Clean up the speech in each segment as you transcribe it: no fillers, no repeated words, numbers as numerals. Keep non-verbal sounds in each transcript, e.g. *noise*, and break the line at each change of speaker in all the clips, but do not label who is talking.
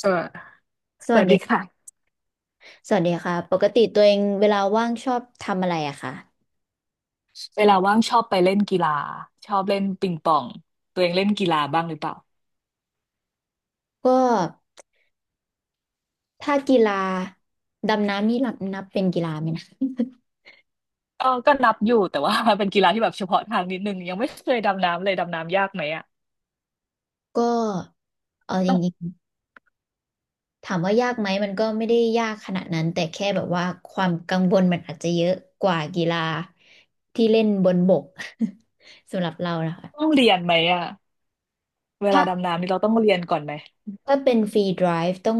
สวส
ส
ส
วัส
วัส
ดี
ดีค่ะ
สวัสดีค่ะปกติตัวเองเวลาว่างชอบทำอะไรอะคะ
เวลาว่างชอบไปเล่นกีฬาชอบเล่นปิงปองตัวเองเล่นกีฬาบ้างหรือเปล่า
ก็ถ้ากีฬาดำน้ำนี่นับเป็นกีฬาไหมนะ
ก็นับอยู่แต่ว่า *laughs* เป็นกีฬาที่แบบเฉพาะทางนิดนึงยังไม่เคยดำน้ำเลยดำน้ำยากไหมอะ
ก็เออจ
ต้อง
ริงๆถามว่ายากไหมมันก็ไม่ได้ยากขนาดนั้นแต่แค่แบบว่าความกังวลมันอาจจะเยอะกว่ากีฬาที่เล่นบนบก *laughs* สำหรับเรานะ
ต้อง
คะ
เรียนไหมอะเว
ถ้า
ลาดำน้ำนี่เราต้องเรียนก่อนไหม
ถ้าเป็นฟรีไดฟ์ต้อง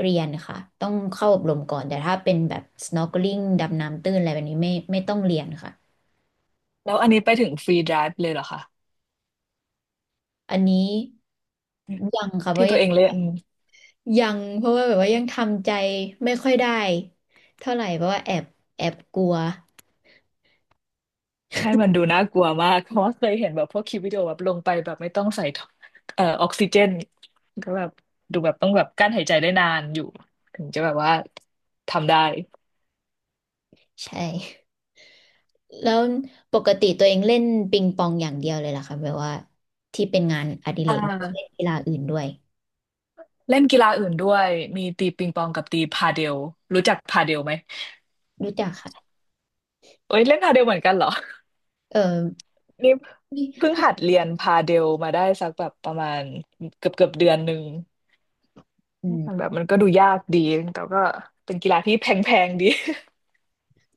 เรียนค่ะต้องเข้าอบรมก่อนแต่ถ้าเป็นแบบ snorkeling ดำน้ำตื้นอะไรแบบนี้ไม่ต้องเรียนค่ะ
แล้วอันนี้ไปถึงฟรีไดฟ์เลยเหรอคะ
อันนี้ยังค่ะเพ
ที่
ราะ
ตั
ยั
ว
ง
เองเล่น
ยังเพราะว่าแบบว่ายังทำใจไม่ค่อยได้เท่าไหร่เพราะว่าแอบกลัว
ใช่มันดูน่ากลัวมากเพราะว่าเคยเห็นแบบพวกคลิปวิดีโอแบบลงไปแบบไม่ต้องใส่ท่อออกซิเจนก็แบบดูแบบต้องแบบกั้นหายใจได้นานอยู่ถึงจะแบบว่าทำได้
ใช่ *laughs* แล้วปกติตัวเองเล่นปิงปองอย่างเดียวเลยเหรอคะแบบว่าที่เป็นงานอดิเร
อ่
กไม่ได้เล่น
า
กีฬาอื่นด้วย
เล่นกีฬาอื่นด้วยมีตีปิงปองกับตีพาเดลรู้จักพาเดลไหม
รู้จักค่ะ
เอ้ยเล่นพาเดลเหมือนกันเหรอ
เออ
นี่
นี่
เพิ่งหัดเรียนพาเดลมาได้สักแบบประมาณเกือบเดือนหนึ่ง
อื
มันแบ
ม
บมันก็ดูยากดีแต่ก็เป็นกีฬาที่แพงๆดี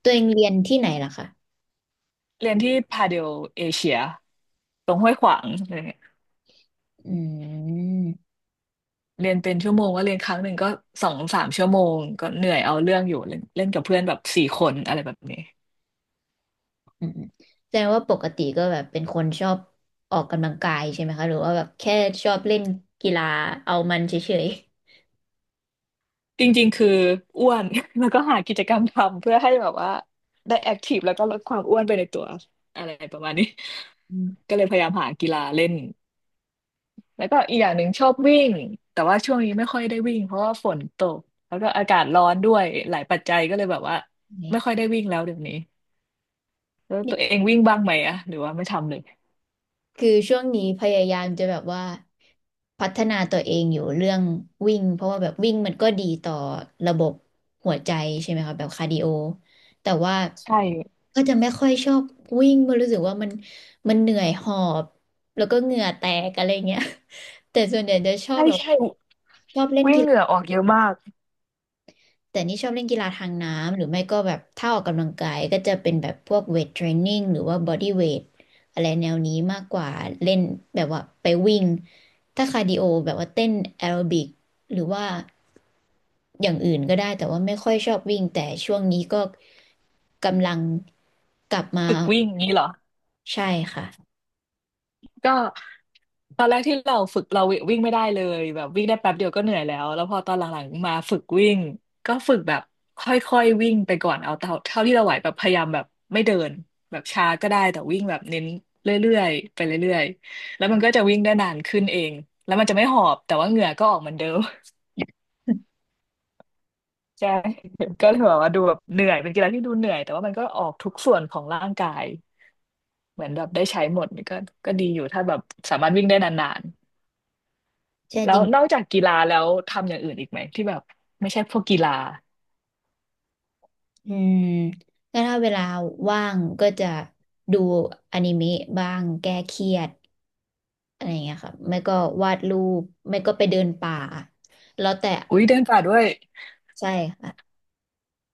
ตัวเองเรียนที่ไหนล่ะคะ
*laughs* เรียนที่พาเดลเอเชียตรงห้วยขวางอะไรเงี้ย
อืม
เรียนเป็นชั่วโมงก็เรียนครั้งหนึ่งก็สองสามชั่วโมงก็เหนื่อยเอาเรื่องอยู่เล่นเล่นกับเพื่อนแบบสี่คนอะไรแบบนี้
อืมแสดงว่าปกติก็แบบเป็นคนชอบออกกำลังกายใช่ไหมคะหรือว่าแบบแค่ชอบเล่นกีฬาเอามันเฉย
จริงๆคืออ้วน *laughs* แล้วก็หากิจกรรมทำเพื่อให้แบบว่าได้แอคทีฟแล้วก็ลดความอ้วนไปในตัวอะไรประมาณนี้
อื
*laughs*
ม
ก็เลยพยายามหากีฬาเล่นแล้วก็อีกอย่างหนึ่งชอบวิ่งแต่ว่าช่วงนี้ไม่ค่อยได้วิ่งเพราะว่าฝนตกแล้วก็อากาศร้อนด้วยหลายปัจจัยก็เลยแบบว่า
เนี่ย
ไม่ค่อยได้วิ่งแล้วเดี๋ยวนี้แล้วตัวเองวิ่งบ้างไหมอะหรือว่าไม่ทำเลย
คือช่วงนี้พยายามจะแบบว่าพัฒนาตัวเองอยู่เรื่องวิ่งเพราะว่าแบบวิ่งมันก็ดีต่อระบบหัวใจใช่ไหมคะแบบคาร์ดิโอแต่ว่า
ใช่
ก็จะไม่ค่อยชอบวิ่งเพราะรู้สึกว่ามันเหนื่อยหอบแล้วก็เหงื่อแตกอะไรเงี้ย *laughs* แต่ส่วนใหญ่จะชอบ
ใช่
แบบ
ใช่
ชอบเล่น
วิ่ง
กี
เหงื่อ
ฬา
ออกเยอะมาก
แต่นี่ชอบเล่นกีฬาทางน้ำหรือไม่ก็แบบถ้าออกกำลังกายก็จะเป็นแบบพวกเวทเทรนนิ่งหรือว่าบอดี้เวทอะไรแนวนี้มากกว่าเล่นแบบว่าไปวิ่งถ้าคาร์ดิโอแบบว่าเต้นแอโรบิกหรือว่าอย่างอื่นก็ได้แต่ว่าไม่ค่อยชอบวิ่งแต่ช่วงนี้ก็กำลังกลับมา
ฝึกวิ่งอย่างนี้เหรอ
ใช่ค่ะ
ก็ ตอนแรกที่เราฝึกเราวิ่งไม่ได้เลยแบบวิ่งได้แป๊บเดียวก็เหนื่อยแล้วแล้วพอตอนหลังๆมาฝึกวิ่งก็ฝึกแบบค่อยๆวิ่งไปก่อนเอาเท่าที่เราไหวแบบพยายามแบบไม่เดินแบบช้าก็ได้แต่วิ่งแบบเน้นเรื่อยๆไปเรื่อยๆแล้วมันก็จะวิ่งได้นานขึ้นเองแล้วมันจะไม่หอบแต่ว่าเหงื่อก็ออกเหมือนเดิม *laughs* ใช่ *laughs* ก็เลยแบบว่าดูแบบเหนื่อยเป็นกีฬาที่ดูเหนื่อยแต่ว่ามันก็ออกทุกส่วนของร่างกายเหมือนแบบได้ใช้หมดก็ก็ดีอยู่ถ้าแบบสามารถวิ่งได้นาน
ใช่
แล้
จริ
ว
ง
นอกจากกีฬาแล้วทำอย่างอื่นอีกไหมที่แบบไม่ใช่พวกกีฬา
อืมก็ถ้าเวลาว่างก็จะดูอนิเมะบ้างแก้เครียด อะไรอย่างเงี้ยค่ะไม่ก็วาดรูปไม่ก็ไปเดินป่าแล้วแต่
อุ้ยเดินป่าด้วย
ใช่ค่ะ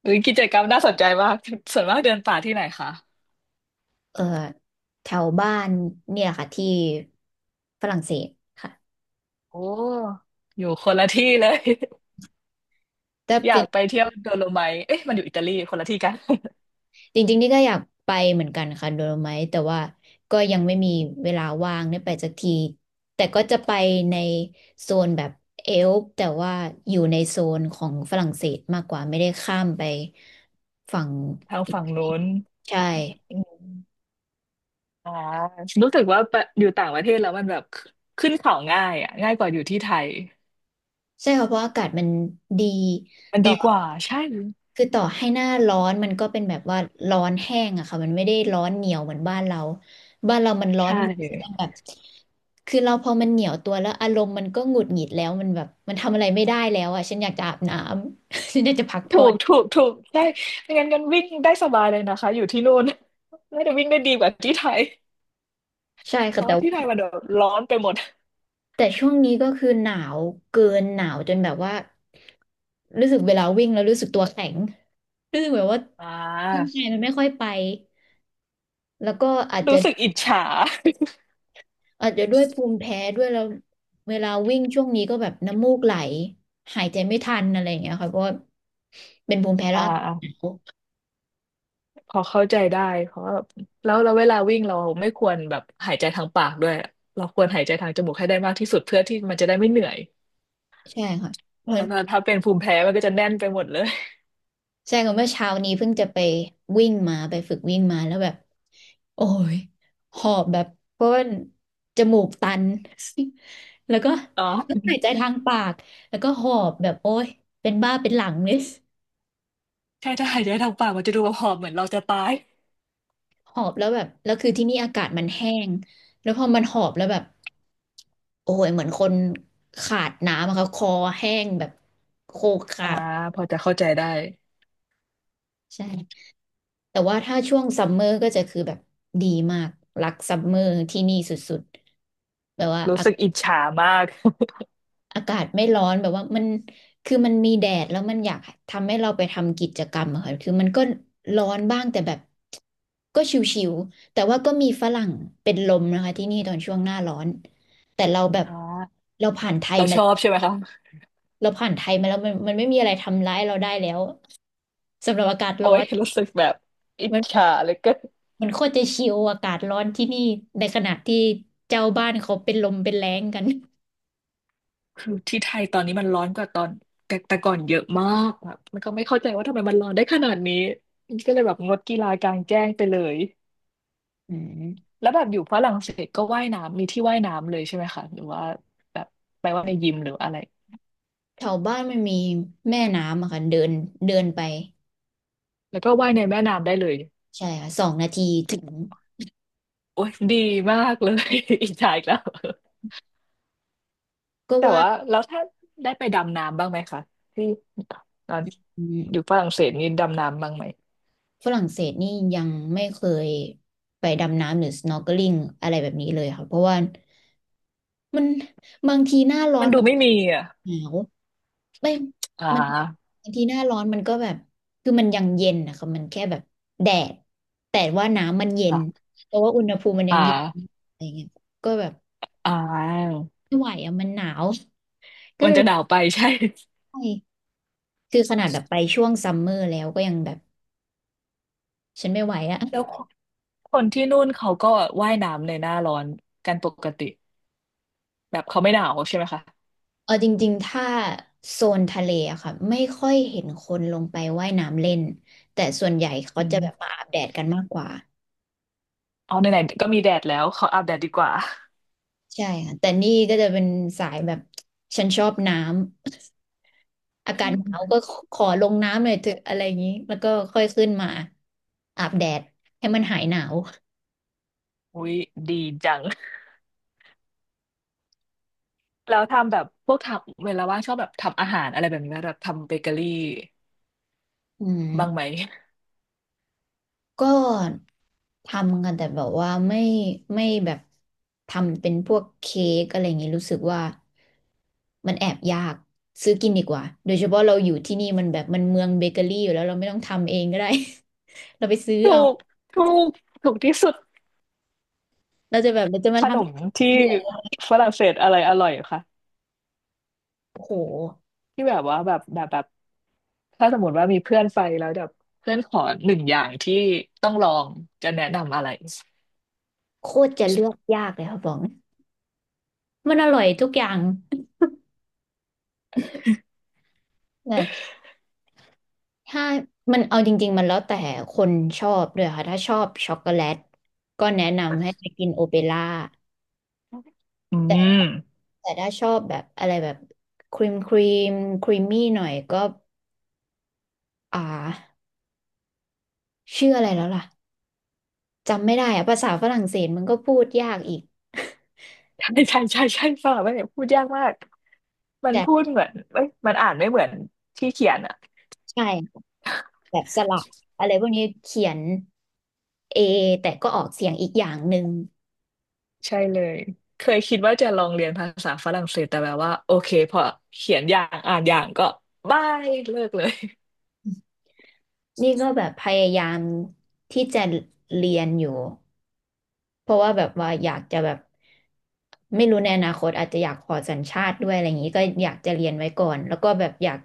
อุ้ยกิจกรรมน่าสนใจมากส่วนมากเดินป่าที่ไหนคะ
เออแถวบ้านเนี่ยค่ะที่ฝรั่งเศสค่ะ
โอ้อยู่คนละที่เลย *laughs*
แต่
อยา
เป็
ก
น
ไปเที่ยวโดโลไมท์เอ๊ะมันอยู่อิตาลีคนละที่กัน
จริงๆนี่ก็อยากไปเหมือนกันค่ะโดโลไมท์แต่ว่าก็ยังไม่มีเวลาว่างได้ไปสักทีแต่ก็จะไปในโซนแบบเอลป์แต่ว่าอยู่ในโซนของฝรั่งเศสมากกว่าไม่ได้ข้ามไปฝั่ง
*laughs* ทาง
อิ
ฝั่ง
ตาลี
โน้น
ใช่
อืมอ่ารู้สึกว่าไปอยู่ต่างประเทศแล้วมันแบบขึ้นเขาง่ายอ่ะง่ายกว่าอยู่ที่ไทย
ใช่ค่ะเพราะอากาศมันดี
มันดีกว่าใช่
คือต่อให้หน้าร้อนมันก็เป็นแบบว่าร้อนแห้งอะค่ะมันไม่ได้ร้อนเหนียวเหมือนบ้านเราบ้านเรามันร้อน
ใช่
มันแบบคือเราพอมันเหนียวตัวแล้วอารมณ์มันก็หงุดหงิดแล้วมันแบบมันทำอะไรไม่ได้แล้วอะฉันอยากจะอาบน้ำ *laughs* ฉันอยากจะพัก
ถู
ผ่อ
ก
น
ถูกถูกได้ไม่งั้นกันวิ่งได้สบายเลยนะคะอยู่ที่นู่นน่าจะวิ่งได้ดีกว่าที่ไทย
ใช่
เพ
ค่ะ
ราะ
แต่
ว่าที่ไทย
ว่า
มันแบบร้อนไปหมด
แต่ช่วงนี้ก็คือหนาวเกินหนาวจนแบบว่ารู้สึกเวลาวิ่งแล้วรู้สึกตัวแข็งรู้สึกแบบว่า
อ่
*laughs* ร่าง
า
กายมันไม่ค่อยไปแล้วก็อาจจะ
รู้สึกอิจฉา
อาจจะด้วยภูมิแพ้ด้วยแล้วเวลาวิ่งช่วงนี้ก็แบบน้ำมูกไหลหายใจไม่ทันอะไรอย่างเงี้ยค่ะเพราะว่าเป็นภูมิแพ้แล้
อ่
วอากาศหนา
า
ว
พอเข้าใจได้เพราะว่าแล้วเราเวลาวิ่งเราไม่ควรแบบหายใจทางปากด้วยเราควรหายใจทางจมูกให้ได้มากที่สุดเพื่อที่มันจะได้ไม่เหนื่อย
ใช่ค่ะเพราะ
แล้ว
น
ถ้าเป็นภูมิแพ้มันก็จะแน่นไปหมดเลย
ใช่ค่ะเมื่อเช้านี้เพิ่งจะไปวิ่งมาไปฝึกวิ่งมาแล้วแบบโอ้ยหอบแบบเพราะว่าจมูกตัน *laughs* แล้วก็
อ๋อ
ก็หายใจทางปากแล้วก็หอบแบบโอ้ยเป็นบ้าเป็นหลังเลย
ใช่ถ้าหายใจทางปากมันจะดูหอบเหมือนเราจะตาย
หอบแล้วแบบแล้วคือที่นี่อากาศมันแห้งแล้วพอมันหอบแล้วแบบโอ้ยเหมือนคนขาดน้ำอะค่ะคอแห้งแบบโคขา
อ่า
ด
พอจะเข้าใจได้
ใช่แต่ว่าถ้าช่วงซัมเมอร์ก็จะคือแบบดีมากรักซัมเมอร์ที่นี่สุดๆแบบว่า
รู้สึกอิจฉามาก
อากาศไม่ร้อนแบบว่ามันคือมันมีแดดแล้วมันอยากทำให้เราไปทำกิจกรรมอะค่ะคือมันก็ร้อนบ้างแต่แบบก็ชิวๆแต่ว่าก็มีฝรั่งเป็นลมนะคะที่นี่ตอนช่วงหน้าร้อนแต่เราแบบ
อ่า
เราผ่านไทย
เราช
มา
อบใช่ไหมคะ
เราผ่านไทยมาแล้วมันไม่มีอะไรทำร้ายเราได้แล้วสำหรับอากาศ
โอ้
ร้อ
ย
น
รู้สึกแบบอิจ
มัน
ฉาเหลยก็
มันโคตรจะชิวอากาศร้อนที่นี่ในขณะที่เจ้าบ้านเขาเป็นลมเป็นแล้งกัน
คือที่ไทยตอนนี้มันร้อนกว่าตอนแต่ก่อนเยอะมากแบบมันก็ไม่เข้าใจว่าทำไมมันร้อนได้ขนาดนี้ก็เลยแบบงดกีฬากลางแจ้งไปเลย
อืม
แล้วแบบอยู่ฝรั่งเศสก็ว่ายน้ำมีที่ว่ายน้ำเลยใช่ไหมคะหรือว่าแบบไปว่ายในยิมหรืออะไร
แถวบ้านมันมีแม่น้ำอะค่ะเดินเดินไป
แล้วก็ว่ายในแม่น้ำได้เลย
ใช่ค่ะสองนาทีถึง
โอ้ยดีมากเลย *laughs* อิจฉาอีกแล้ว
ก็
แต่
ว่า
ว่าแล้วถ้าได้ไปดำน้ำบ้างไหมคะที่ตอน
อืม
อยู่ฝรั่งเศสนี่ดำน้ำบ้างไหม
ฝรั่งเศสนี่ยังไม่เคยไปดำน้ำหรือ snorkeling อะไรแบบนี้เลยค่ะเพราะว่ามันบางทีหน้าร้อ
มั
น
นดู
มัน
ไม่มีอ่ะ
หนาวไม่
อ่
มัน
า
บางทีหน้าร้อนมันก็แบบคือมันยังเย็นนะคะมันแค่แบบแดดแต่ว่าน้ำมันเย็
อ่
น
า
เพราะว่าอุณหภูมิมันยั
อ่
งเย็น
า
อะไรเงี้ยก็แบบ
อ่า
ไม่ไหวอ่ะมันหนาวก็
มัน
เลย
จะห
แบ
นา
บ
วไปใช่
ไม่คือขนาดแบบไปช่วงซัมเมอร์แล้วก็ยังแบบฉันไม่ไหวอะ
แล้วคนที่นู่นเขาก็ว่ายน้ำในหน้าร้อนกันปกติแบบเขาไม่หนาวใช่ไหมคะ
เออจริงๆ ถ้าโซนทะเลอะค่ะไม่ค่อยเห็นคนลงไปว่ายน้ำเล่นแต่ส่วนใหญ่เขา
อื
จะแบบมา
ม
อาบแดดกันมากกว่า
เอาไหนๆก็มีแดดแล้วขออาบแดดดีกว่า
ใช่ค่ะแต่นี่ก็จะเป็นสายแบบฉันชอบน้ำ *laughs* อากาศหนาวก็ขอลงน้ำหน่อยเถอะอะไรอย่างนี้แล้วก็ค่อยขึ้นมาอาบแดดให้มันหายหนาว
อุ้ยดีจังแล้วทำแบบพวกทำเวลาว่างชอบแบบทำอาหารอะไรแบบนี้ไหมแบบทำเบเกอรี่
อื
บ้างไหม
ม ก็ทำกันแต่แบบว่าไม่ไม่แบบทำเป็นพวกเค้กอะไรอย่างงี้รู้สึกว่ามันแอบยากซื้อกินดีกว่าโดยเฉพาะเราอยู่ที่นี่มันแบบมันเมืองเบเกอรี่อยู่แล้วเราไม่ต้องทำเองก็ได้ *laughs* เราไปซื้อ
ถู
เอา
กถูกถูกที่สุด
เราจะแบบเราจะมา
ข
ท
นมที่ฝรั่งเศสอะไรอร่อยคะ
ำโอ้โห
ที่แบบว่าแบบ ถ้าสมมติว่ามีเพื่อนไปแล้วแบบเพื่อนขอหนึ่งอย่างที่ต้องลองจะแนะนำอะไร
โคตรจะเลือกยากเลยค่ะบอกมันอร่อยทุกอย่างนะถ้ามันเอาจริงๆมันแล้วแต่คนชอบด้วยค่ะถ้าชอบช็อกโกแลตก็แนะนำให้ไปกินโอเปร่า
อืม
แต่ถ้าชอบแบบอะไรแบบครีมครีมครีมมี่หน่อยก็อ่าชื่ออะไรแล้วล่ะจำไม่ได้อะภาษาฝรั่งเศสมันก็พูดยากอีก
ใช่ใช่ใช่ใช่ฝ่าไม่เนี่ยพูดยากมากมั
*laughs*
น
แต่
พูดเหมือนเอ้ยมันอ่านไม่เหมือนที่เขียนอ่ะ
ใช่แบบสระอะไรพวกนี้เขียนเอแต่ก็ออกเสียงอีกอย่างหนึ่ง
ใช่เลยเคยคิดว่าจะลองเรียนภาษาฝรั่งเศสแต่แบบว่าโอเคพอเขียนอย่างอ่านอย่างก็บายเลิกเลย
นี่ก็แบบพยายามที่จะเรียนอยู่ เพราะว่าแบบว่าอยากจะแบบไม่รู้ในอนาคตอาจจะอยากขอสัญชาติด้วยอะไรอย่างนี้ก็อยากจะเรียนไว้ก่อนแล้วก็แบบอยาก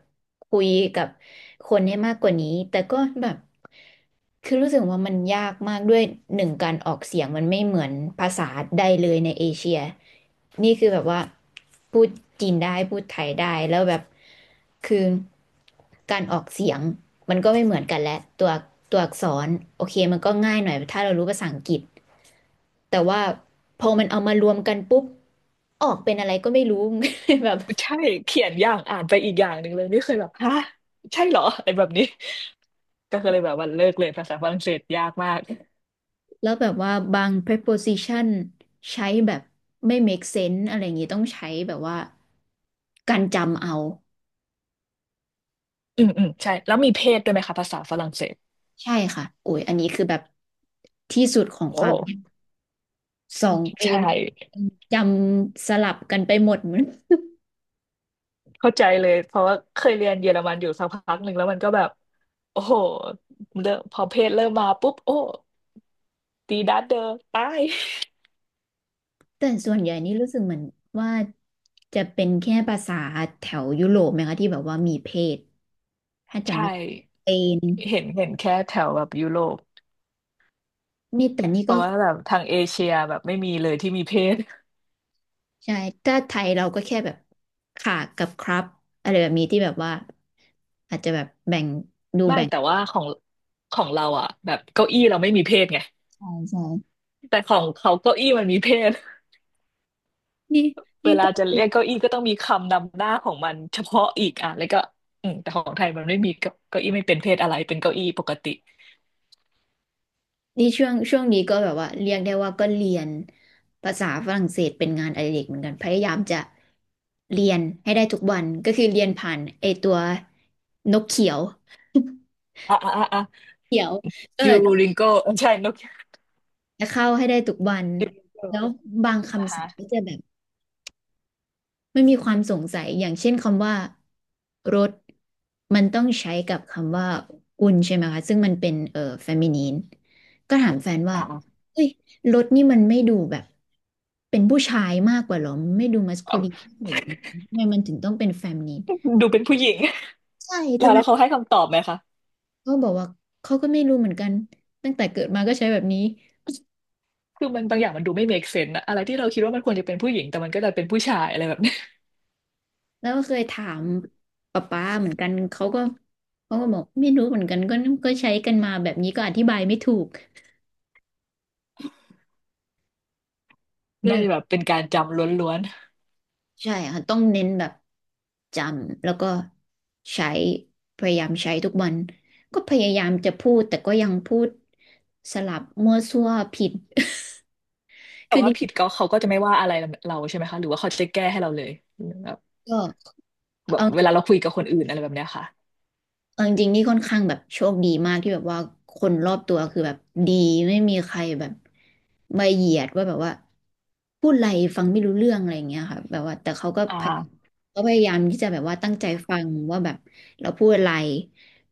คุยกับคนให้มากกว่านี้แต่ก็แบบคือรู้สึกว่ามันยากมากด้วยหนึ่งการออกเสียงมันไม่เหมือนภาษาใดเลยในเอเชียนี่คือแบบว่าพูดจีนได้พูดไทยได้แล้วแบบคือการออกเสียงมันก็ไม่เหมือนกันแหละตัวตัวอักษรโอเคมันก็ง่ายหน่อยถ้าเรารู้ภาษาอังกฤษ แต่ว่าพอมันเอามารวมกันปุ๊บออกเป็นอะไรก็ไม่รู้ *laughs* แบบ
ใช่เขียนอย่างอ่านไปอีกอย่างหนึ่งเลยนี่เคยแบบฮะใช่เหรออะไรแบบนี้ก็เลยแบบว่าเลิกเลยภาษาฝรั่งเศสยากมาก
แล้วแบบว่าบาง preposition ใช้แบบไม่ make sense อะไรอย่างงี้ต้องใช้แบบว่าการจำเอา
อืมอืมใช่แล้วมีเพศด้วยไหมคะภาษาฝรั่งเศส
ใช่ค่ะโอ้ยอันนี้คือแบบที่สุดของ
โอ
ความยาก
้
สองปี
ใช่
จำสลับกันไปหมดเหมือน
เข้าใจเลยเพราะว่าเคยเรียนเยอรมันอยู่สักพักหนึ่งแล้วมันก็แบบโอ้โหเริ่มพอเพศเริ่มมาปุ๊บโอ้ตีดัดเดอร์ตาย
*laughs* แต่ส่วนใหญ่นี่รู้สึกเหมือนว่าจะเป็นแค่ภาษาแถวยุโรปไหมคะที่แบบว่ามีเพศถ้าจำ
ใช่
ไม่เป็น
เห็นเห็นแค่แถวแบบยุโรป
นี่แต่นี่
เพ
ก็
ราะว่าแบบทางเอเชียแบบไม่มีเลยที่มีเพศ
ใช่ ถ้าไทยเราก็แค่แบบค่ะกับครับอะไรแบบนี้ที่แบบว่าอาจจะแบบแบ่งดู
ไม่
แบ่ง
แต่ว่าของเราอ่ะแบบเก้าอี้เราไม่มีเพศไง
ใช่ใช่
แต่ของเขาเก้าอี้มันมีเพศ
นี่
เว
นี่
ลา
ก็
จะ
เป็
เรี
น
ยกเก้าอี้ก็ต้องมีคำนำหน้าของมันเฉพาะอีกอ่ะแล้วก็อืมแต่ของไทยมันไม่มีเก้าอี้ไม่เป็นเพศอะไรเป็นเก้าอี้ปกติ
นี่ช่วงช่วงนี้ก็แบบว่าเรียกได้ว่าก็เรียนภาษาฝรั่งเศสเป็นงานอดิเรกเหมือนกันพยายามจะเรียนให้ได้ทุกวันก็คือเรียนผ่านไอตัวนกเขียว
อ่ะอ่ะอ่ะอ่ะ
เขียวเออ
ยูริงโกใช่นก
จะเข้าให้ได้ทุกวัน
ยูริงโก
แล้วบาง
นะ
คำศั
คะ
พท์ก็จะแบบ มันมีความสงสัยอย่างเช่นคำว่ารถมันต้องใช้กับคำว่ากุนใช่ไหมคะซึ่งมันเป็นเฟมินีนก็ถามแฟนว่า
อ่ะอ่ะ
เฮ้ยรถนี่มันไม่ดูแบบเป็นผู้ชายมากกว่าเหรอไม่ดูมัสคู
เอา
ลินมากกว่าเหรอทำไมมันถึงต้องเป็นเฟมินีน
ดูเป็นผู้หญิง
ใช่
แล้
ทำ
ว
ไม
เขาให้คำตอบไหมคะ
เขาบอกว่าเขาก็ไม่รู้เหมือนกันตั้งแต่เกิดมาก็ใช้แบบนี้
คือมันบางอย่างมันดูไม่ make sense อะอะไรที่เราคิดว่ามันควรจะเป็นผู้หญิงแต่มันก็จะเป็นผู้ชายอะไรแบบนี้
แล้วก็เคยถามป๊าป๊าเหมือนกันเขาก็เขาก็บอกไม่รู้เหมือนกันก็ใช้กันมาแบบนี้ก็อธิบายไม่ถูกก็
*laughs*
เล
น่า
ย
จะแบบเป็นการจำล้วน
ใช่ค่ะต้องเน้นแบบจำแล้วก็ใช้พยายามใช้ทุกวันก็พยายามจะพูดแต่ก็ยังพูดสลับมั่วซั่วผิด
ๆ
*laughs*
แต่
คือจ
ว่าผิ
ริ
ด
ง
ก็เขาก็จะไม่ว่าอะไรเราใช่ไหมคะหรือว่าเขาจะแก้ให้เราเลยแบบ
ๆก็
แบบเว
เออ
ลาเราคุยกับคนอื่นอะไรแบบเนี้ยค่ะ
เอาจริงๆนี่ค่อนข้างแบบโชคดีมากที่แบบว่าคนรอบตัวคือแบบดีไม่มีใครแบบมาเหยียดว่าแบบว่าพูดอะไรฟังไม่รู้เรื่องอะไรอย่างเงี้ยค่ะแบบว่าแต่
อ
พย
่า
เขาพยายามที่จะแบบว่าตั้งใจฟังว่าแบบเราพูดอะไร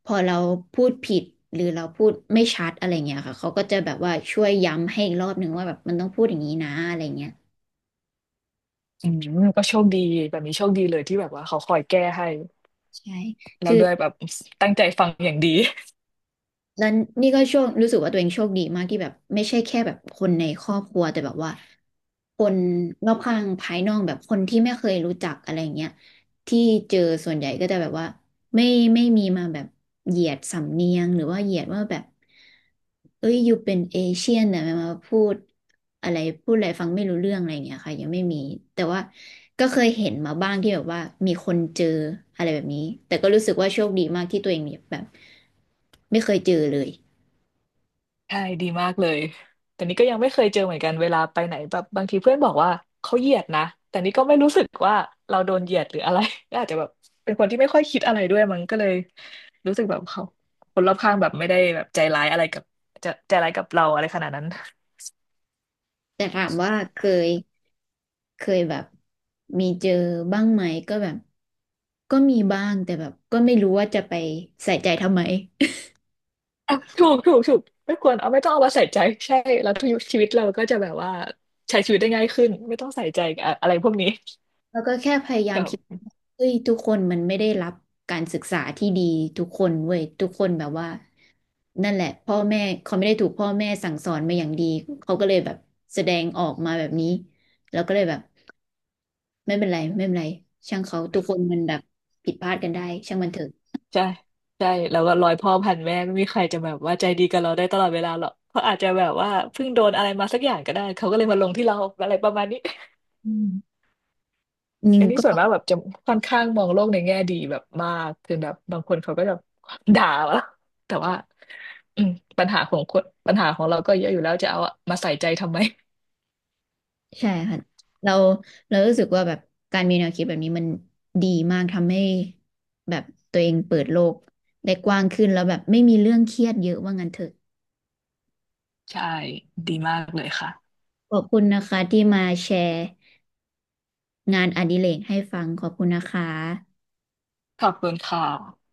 พอเราพูดผิดหรือเราพูดไม่ชัดอะไรเงี้ยค่ะเขาก็จะแบบว่าช่วยย้ำให้อีกรอบหนึ่งว่าแบบมันต้องพูดอย่างนี้นะอะไรเงี้ย
อืมก็โชคดีแบบนี้โชคดีเลยที่แบบว่าเขาคอยแก้ให้
ใช่
แล้วด้วยแบบตั้งใจฟังอย่างดี
แล้วนี่ก็โชครู้สึกว่าตัวเองโชคดีมากที่แบบไม่ใช่แค่แบบคนในครอบครัวแต่แบบว่าคนรอบข้างภายนอกแบบคนที่ไม่เคยรู้จักอะไรเงี้ยที่เจอส่วนใหญ่ก็จะแบบว่า ไม่ไม่มีมาแบบเหยียดสำเนียงหรือว่าเหยียดว่าแบบเอ้ยอยู่เป็นเอเชียนแต่มาพูดอะไรพูดอะไรฟังไม่รู้เรื่องอะไรอย่างเงี้ยค่ะยังไม่มีแต่ว่าก็เคยเห็นมาบ้างที่แบบว่ามีคนเจออะไรแบบนี้แต่ก็รู้สึกว่าโชคดีมากที่ตัวเองเนี่ยแบบไม่เคยเจอเลย
*laughs* ใช่ดีมากเลยแต่นี่ก็ยังไม่เคยเจอเหมือนกันเวลาไปไหนแบบบางทีเพื่อนบอกว่าเขาเหยียดนะแต่นี่ก็ไม่รู้สึกว่าเราโดนเหยียดหรืออะไร *laughs* ก็อาจจะแบบเป็นคนที่ไม่ค่อยคิดอะไรด้วยมั้งก็เลยรู้สึกแบบเขาคนรอบข้างแบบไม่ได้แบบใจร้ายอะไรกับจะใจร้ายกับเราอะไรขนาดนั้น
แต่ถามว่ายเคยแบบมีเจอบ้างไหมก็แบบก็มีบ้างแต่แบบก็ไม่รู้ว่าจะไปใส่ใจทำไม
ถูกถูกถูกไม่ควรเอาไม่ต้องเอามาใส่ใจใช่แล้วทุกชีวิตเราก็จะแบบว่าใช้ชีวิตได้ง่ายขึ้นไม่ต้องใส่ใจอะอะไรพวกนี้
แล้วก็แค่พยายา
ค
ม
รั
คิด
บ
เฮ้ยทุกคนมันไม่ได้รับการศึกษาที่ดีทุกคนเว้ยทุกคนแบบว่านั่นแหละพ่อแม่เขาไม่ได้ถูกพ่อแม่สั่งสอนมาอย่างดีเขาก็เลยแบบแสดงออกมาแบบนี้แล้วก็เลยแบบไม่เป็นไรไม่เป็นไรช่างเขาทุกคนมันแบบผิดพลาดกันได้ช่างมันเถอะ
ใช่ใช่แล้วก็ร้อยพ่อพันแม่ไม่มีใครจะแบบว่าใจดีกับเราได้ตลอดเวลาหรอกเขาอาจจะแบบว่าเพิ่งโดนอะไรมาสักอย่างก็ได้เขาก็เลยมาลงที่เราอะไรประมาณนี้
อืมยิ
*laughs* อั
ง
นนี้
ก็
ส่วนมากแบบจะค่อนข้างมองโลกในแง่ดีแบบมากคือแบบบางคนเขาก็จะด่าเราแต่ว่าอืมปัญหาของคนปัญหาของเราก็เยอะอยู่แล้วจะเอามาใส่ใจทำไม
ใช่ค่ะเราเรารู้สึกว่าแบบการมีแนวคิดแบบนี้มันดีมากทำให้แบบตัวเองเปิดโลกได้กว้างขึ้นแล้วแบบไม่มีเรื่องเครียดเยอะว่างั้นเถอะ
ใช่ดีมากเลยค่ะ
ขอบคุณนะคะที่มาแชร์งานอดิเรกให้ฟังขอบคุณนะคะ
ขอบคุณค่ะ